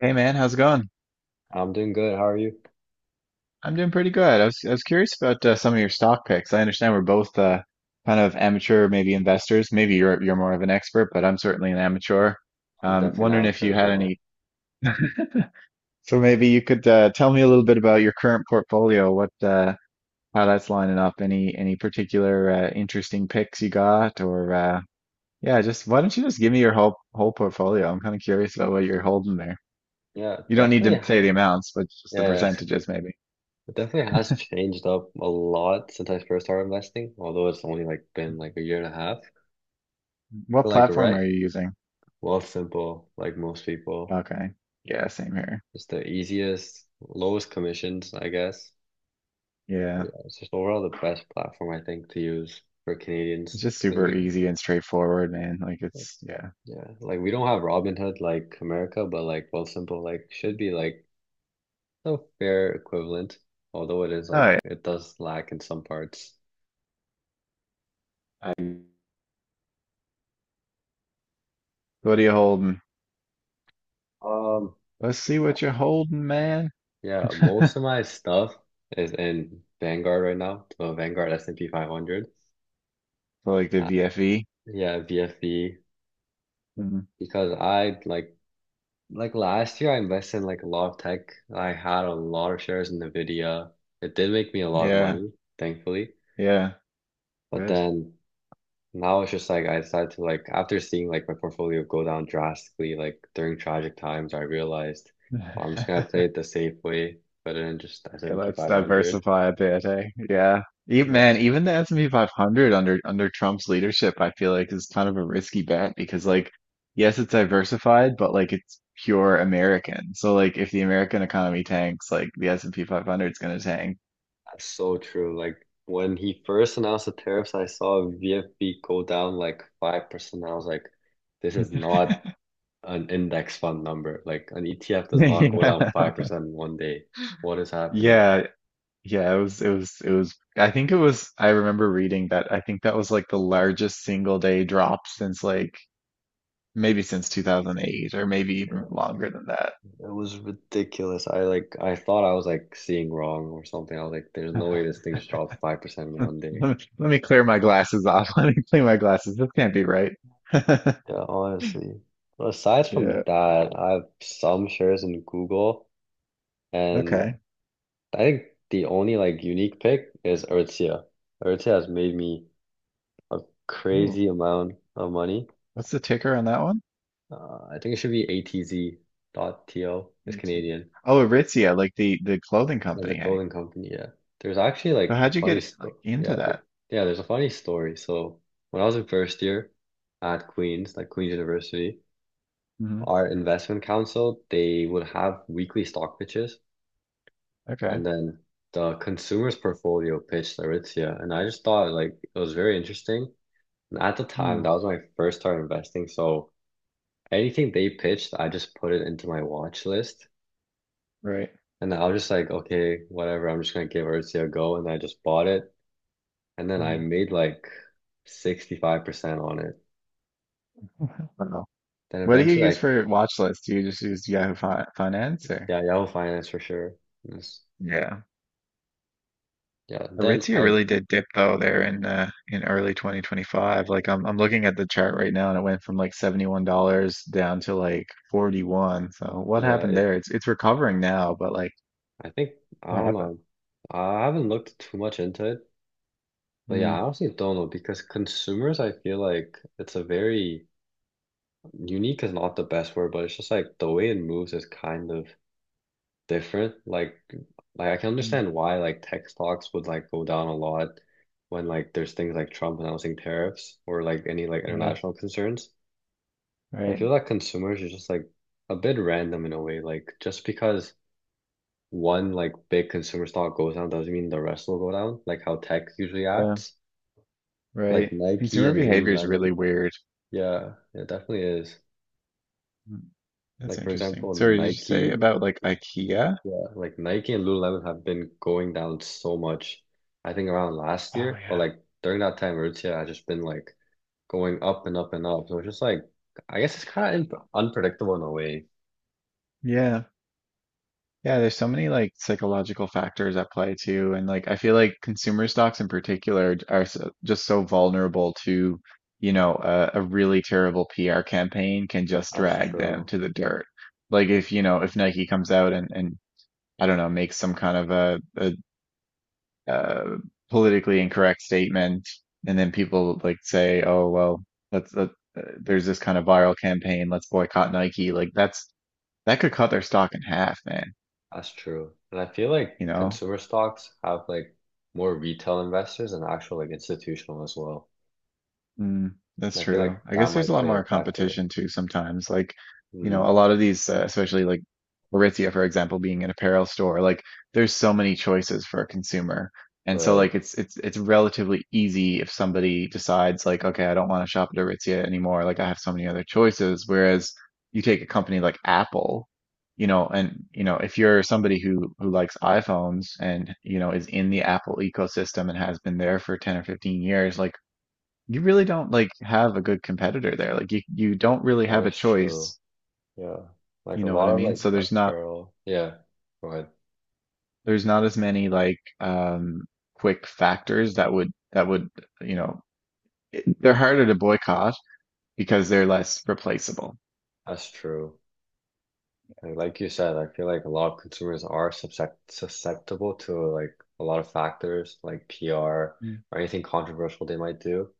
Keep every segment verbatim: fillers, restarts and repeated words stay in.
Hey man, how's it going? I'm doing good. How are you? I'm doing pretty good. I was I was curious about uh, some of your stock picks. I understand we're both uh, kind of amateur, maybe investors. Maybe you're you're more of an expert, but I'm certainly an amateur. I'm Um, definitely an Wondering if amateur you as had well. any. So maybe you could uh, tell me a little bit about your current portfolio, what uh, how that's lining up. Any any particular uh, interesting picks you got, or uh, yeah, just why don't you just give me your whole whole portfolio? I'm kind of curious about what you're holding there. Yeah, You don't need definitely. to say the ha- amounts, but just the Yeah, percentages maybe. it definitely has changed up a lot since I first started investing, although it's only like been like a year and a half. But What like, platform are right? you using? Wealth simple, like most people. Okay. Yeah, same here. It's the easiest, lowest commissions, I guess. But Yeah. yeah, it's just overall the best platform I think to use for It's Canadians just because super we, easy and straightforward, man. Like it's yeah. yeah, like we don't have Robinhood like America, but like Wealthsimple like should be like a fair equivalent, although it is All like right. it does lack in some parts. I'm What are you holding? Um, Let's see what you're holding, man. yeah, most of my stuff is in Vanguard right now, so Vanguard S and P five hundred. So like the Uh, V F E. yeah, V F E Mhm. because I like like last year I invested in like a lot of tech. I had a lot of shares in NVIDIA. It did make me a lot of Yeah. money, thankfully. Yeah. But Good. then Now it's just like I decided to, like, after seeing like my portfolio go down drastically like during tragic times, I realized, well, I'm just gonna play it the safe way, better than just Yeah, S and P let's five hundred. diversify a bit, eh? Yeah. Even, man, Yes, even the S and P five hundred under under Trump's leadership, I feel like is kind of a risky bet because like yes, it's diversified, but like it's pure American. So like if the American economy tanks, like the S and P five hundred is going to tank. that's so true. Like when he first announced the tariffs, I saw V F B go down like five percent. I was like, this is not an index fund number. Like an E T F does not go Yeah. down five percent in one day. What is happening? Yeah, yeah, it was it was it was I think it was I remember reading that I think that was like the largest single day drop since like maybe since two thousand eight or maybe even Yeah. longer than It was ridiculous. I like I thought I was like seeing wrong or something. I was like, there's no way that. this thing just dropped five percent in Let one day. me, let me clear my glasses off. Let me clean my glasses. This can't be right. Yeah, honestly. But aside from Yeah. that, I have some shares in Google, and Okay. I think the only like unique pick is Aritzia. Aritzia has made me a Ooh. crazy amount of money. What's the ticker on that one? Uh, I think it should be A T Z dot T O. It's E T. Canadian. Oh, Aritzia, like the the clothing As a company. Hey. clothing company, yeah. There's actually So like a how'd you funny get like story. into Yeah, that? there, yeah, there's a funny story. So when I was in first year at Queen's, like Queen's University, Hmm. our investment council, they would have weekly stock pitches. And Okay. then the consumer's portfolio pitched Aritzia. And I just thought like it was very interesting. And at the time, that Hmm. was my first time investing. So anything they pitched, I just put it into my watch list. Right. And I was just like, okay, whatever, I'm just gonna give Aritzia a go. And I just bought it. And then Hmm. I made like sixty-five percent on it. I don't know. Then What do you eventually I use for watch lists? Do you just use Yahoo Fi Finance or? yeah, Yahoo Finance for sure. Yes. Yeah. Yeah. Then Aritzia I really did dip though there in uh, in early twenty twenty-five. Like I'm I'm looking at the chart right now and it went from like seventy-one dollars down to like forty-one. So what yeah, happened it there? It's it's recovering now, but like I think I what don't happened? know. I haven't looked too much into it. But yeah, Mm, I honestly don't know because consumers, I feel like it's a very unique is not the best word, but it's just like the way it moves is kind of different. Like, like I can mm, understand why like tech stocks would like go down a lot when like there's things like Trump announcing tariffs or like any like yeah, international concerns. But I right. feel like consumers are just like a bit random in a way. Like just because one like big consumer stock goes down doesn't mean the rest will go down. Like how tech usually Yeah, acts. Like right. Nike Consumer and behavior is really Lululemon. weird. Yeah, it definitely is. Mm, that's Like for interesting. example, Sorry, did you say Nike. about like IKEA? Yeah, like Nike and Lululemon have been going down so much. I think around last Oh year, but yeah. like during that time, Aritzia has just been like going up and up and up. So it's just like, I guess it's kind of imp unpredictable in a way. Yeah. Yeah, there's so many like psychological factors at play too, and like I feel like consumer stocks in particular are so, just so vulnerable to, you know, a, a really terrible P R campaign can just That's drag them true. to the dirt. Like That's if, you true. know, if Nike comes out and and I don't know, makes some kind of a, a, a politically incorrect statement, and then people like say, "Oh, well, let's let, uh, there's this kind of viral campaign, let's boycott Nike." Like that's that could cut their stock in half, man, That's true. And I feel like you know? consumer stocks have like more retail investors and actual like institutional as well. Mm, that's And I feel true. like I that guess there's a might lot play a more factor. competition too sometimes. Like, you know, a Mm, lot of these, uh, especially like Aritzia, for example, being an apparel store, like there's so many choices for a consumer. And so right. like it's it's it's relatively easy if somebody decides like, okay, I don't want to shop at Aritzia anymore. Like I have so many other choices. Whereas you take a company like Apple, you know, and you know, if you're somebody who who likes iPhones and you know is in the Apple ecosystem and has been there for ten or fifteen years, like you really don't like have a good competitor there. Like you you don't really That have a is true. choice, Yeah. Like you a know what lot I of mean? like So there's not apparel. Yeah. Go ahead. there's not as many like um quick factors that would that would, you know, it, they're harder to boycott because they're less replaceable. That's true. And like you said, I feel like a lot of consumers are suscep- susceptible to like a lot of factors like P R Mm, or anything controversial they might do.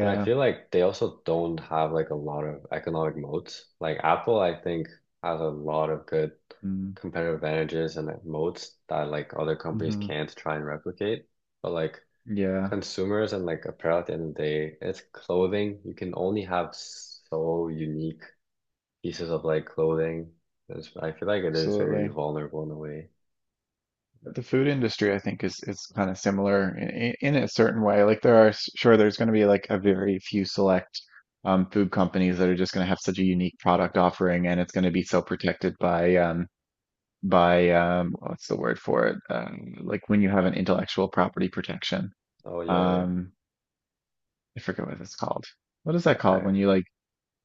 And I feel like they also don't have like a lot of economic moats. Like Apple, I think, has a lot of good Mm, competitive advantages and moats that like other companies hmm, can't try and replicate. But like yeah, consumers and like apparel at the end of the day, it's clothing. You can only have so unique pieces of like clothing. It's- I feel like it is very absolutely. vulnerable in a way. The food industry, I think, is is kind of similar in, in a certain way. Like there are, sure, there's going to be like a very few select um, food companies that are just going to have such a unique product offering, and it's going to be so protected by um, by um, what's the word for it? Um, like when you have an intellectual property protection. Oh yeah, yeah, Um, I forget what it's called. What is yeah. that called I, when you like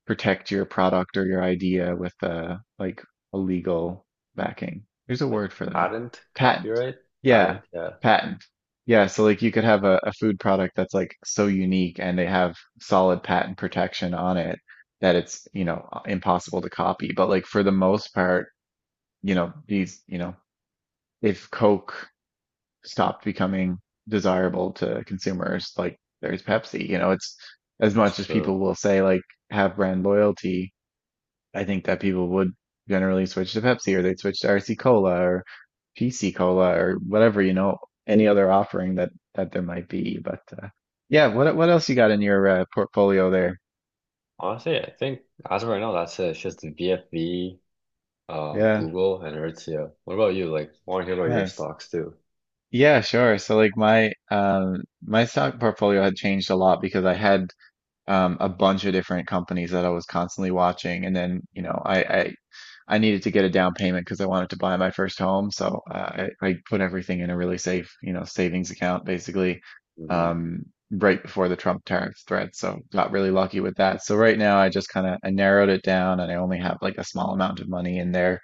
protect your product or your idea with a like a legal backing. There's a like word for that. patent Patent. copyright, Yeah, patent. Yeah, patent. Yeah, so like you could have a, a food product that's like so unique and they have solid patent protection on it that it's, you know, impossible to copy. But like for the most part, you know, these, you know, if Coke stopped becoming desirable to consumers, like there's Pepsi, you know, it's as that's much as true. people will say like have brand loyalty, I think that people would generally switch to Pepsi or they'd switch to R C Cola or P C Cola or whatever, you know, any other offering that that there might be. But uh, yeah, what what else you got in your uh, portfolio there? Honestly, I think as of right now, that's it. It's just the V F V, uh, Yeah, Google, and Aritzia. What about you? Like, want to hear about your nice. stocks too? Yeah, sure. So like my um my stock portfolio had changed a lot because I had um a bunch of different companies that I was constantly watching and then, you know, I I I needed to get a down payment because I wanted to buy my first home. So uh, I, I put everything in a really safe, you know, savings account basically Hmm. um, right before the Trump tariff threat. So got really lucky with that. So right now I just kind of I narrowed it down and I only have like a small amount of money in there.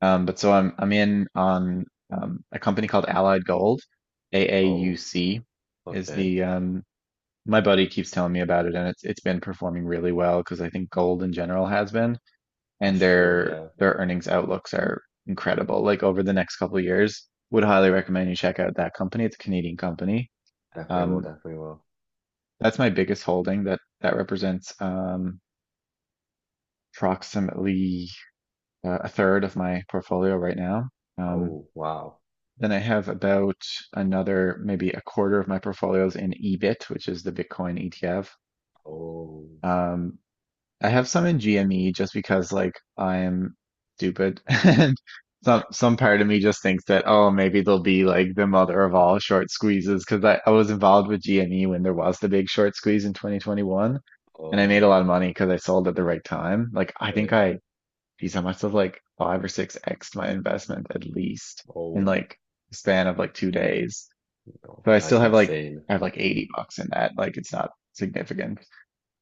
Um, but so I'm I'm in on um, a company called Allied Gold, Oh, A A U C is okay. the um, my buddy keeps telling me about it and it's it's been performing really well because I think gold in general has been That's and true. their Yeah, their earnings outlooks are incredible. Like over the next couple of years, would highly recommend you check out that company. It's a Canadian company. definitely will. Um, Definitely will. that's my biggest holding. That that represents um, approximately uh, a third of my portfolio right now. Um, Oh wow. then I have about another maybe a quarter of my portfolios in E B I T, which is the Bitcoin E T F. Oh, Um, I have some in G M E just because like I'm stupid and some some part of me just thinks that oh maybe they'll be like the mother of all short squeezes because I, I was involved with G M E when there was the big short squeeze in twenty twenty-one and I made a oh, lot of money because I sold at the right time. Like I think okay. I geez, I must have like five or six X'd my investment at least in Oh, like a span of like two days. no, So I still that's have like insane. I have like eighty bucks in that. Like it's not significant.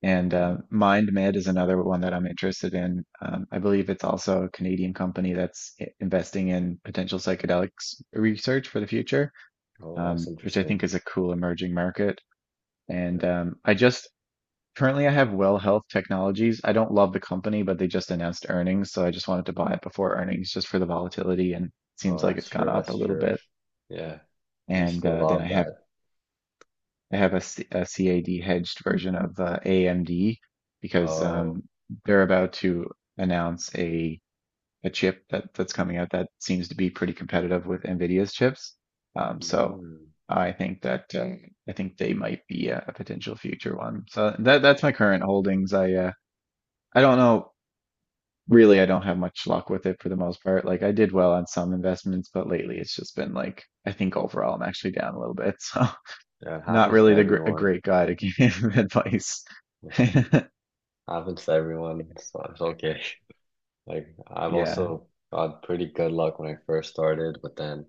And Hmm. uh, MindMed is another one that I'm interested in. Um, I believe it's also a Canadian company that's i- investing in potential psychedelics research for the future, Oh, that's um, which I interesting. think is a cool emerging market. And um, I just currently I have Well Health Technologies. I don't love the company, but they just announced earnings, so I just wanted to buy it before earnings just for the volatility and it Oh, seems like that's it's gone true. up a That's little true. bit. Yeah, you And still uh, Then I love have that. I have a, C- a C A D hedged version of the A M D because Oh, um, they're about to announce a a chip that that's coming out that seems to be pretty competitive with NVIDIA's chips. Um, so mm. I think that uh, I think they might be a, a potential future one. So that that's my current holdings. I uh, I don't know really. I don't have much luck with it for the most part. Like I did well on some investments, but lately it's just been like I think overall I'm actually down a little bit. So. Yeah, it Not happens to really the gr a everyone. great guy to give advice. Happens to everyone, so it's okay. Like I've Yeah, also got pretty good luck when I first started, but then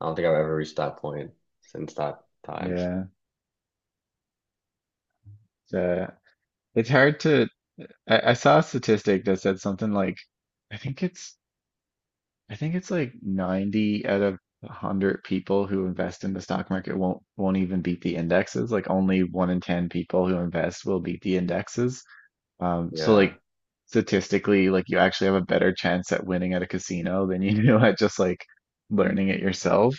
I don't think I've ever reached that point since that time. yeah. It's, uh, it's hard to. I, I saw a statistic that said something like, I think it's, I think it's like ninety out of a hundred people who invest in the stock market won't won't even beat the indexes. Like only one in ten people who invest will beat the indexes. Um, so like Yeah. statistically, like you actually have a better chance at winning at a casino than you do at just like learning it yourself.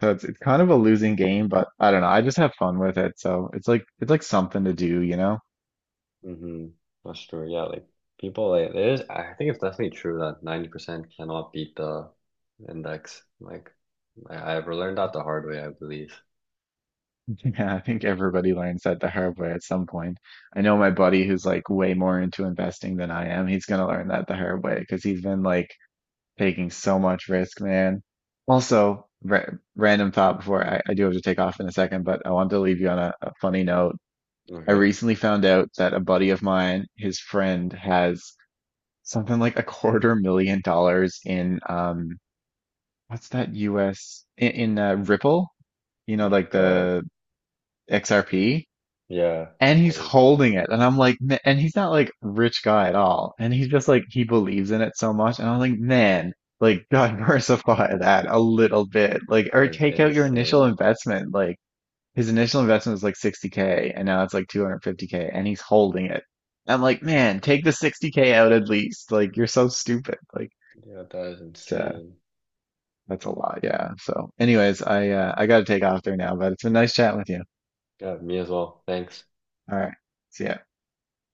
So it's it's kind of a losing game, but I don't know. I just have fun with it. So it's like it's like something to do, you know? Mm-hmm. That's true. Yeah, like people like it is I think it's definitely true that ninety percent cannot beat the index. Like I, I've learned that the hard way, I believe. Yeah, I think everybody learns that the hard way at some point. I know my buddy who's like way more into investing than I am. He's gonna learn that the hard way because he's been like taking so much risk, man. Also, ra random thought before I, I do have to take off in a second, but I wanted to leave you on a, a funny note. I Okay. recently found out that a buddy of mine, his friend, has something like a quarter million dollars in um what's that U S in, in uh, Ripple, you Oh know, my like God. the X R P, Yeah. and he's Oh, holding it, and I'm like, "Ma- and he's not like rich guy at all, and he's just like he believes in it so much, and I'm like, man, like diversify that a little bit, like that or is take out your initial insane. investment, like his initial investment was like sixty K, and now it's like two hundred fifty K, and he's holding it. I'm like, Oh my man, take God. the sixty K out at least, like you're so stupid, like. Yeah, that is Uh, insane. That's a lot. Yeah. So anyways, I uh, I got to take off there now, but it's been nice chatting with you. Yeah, me as well. Thanks. All right. See ya.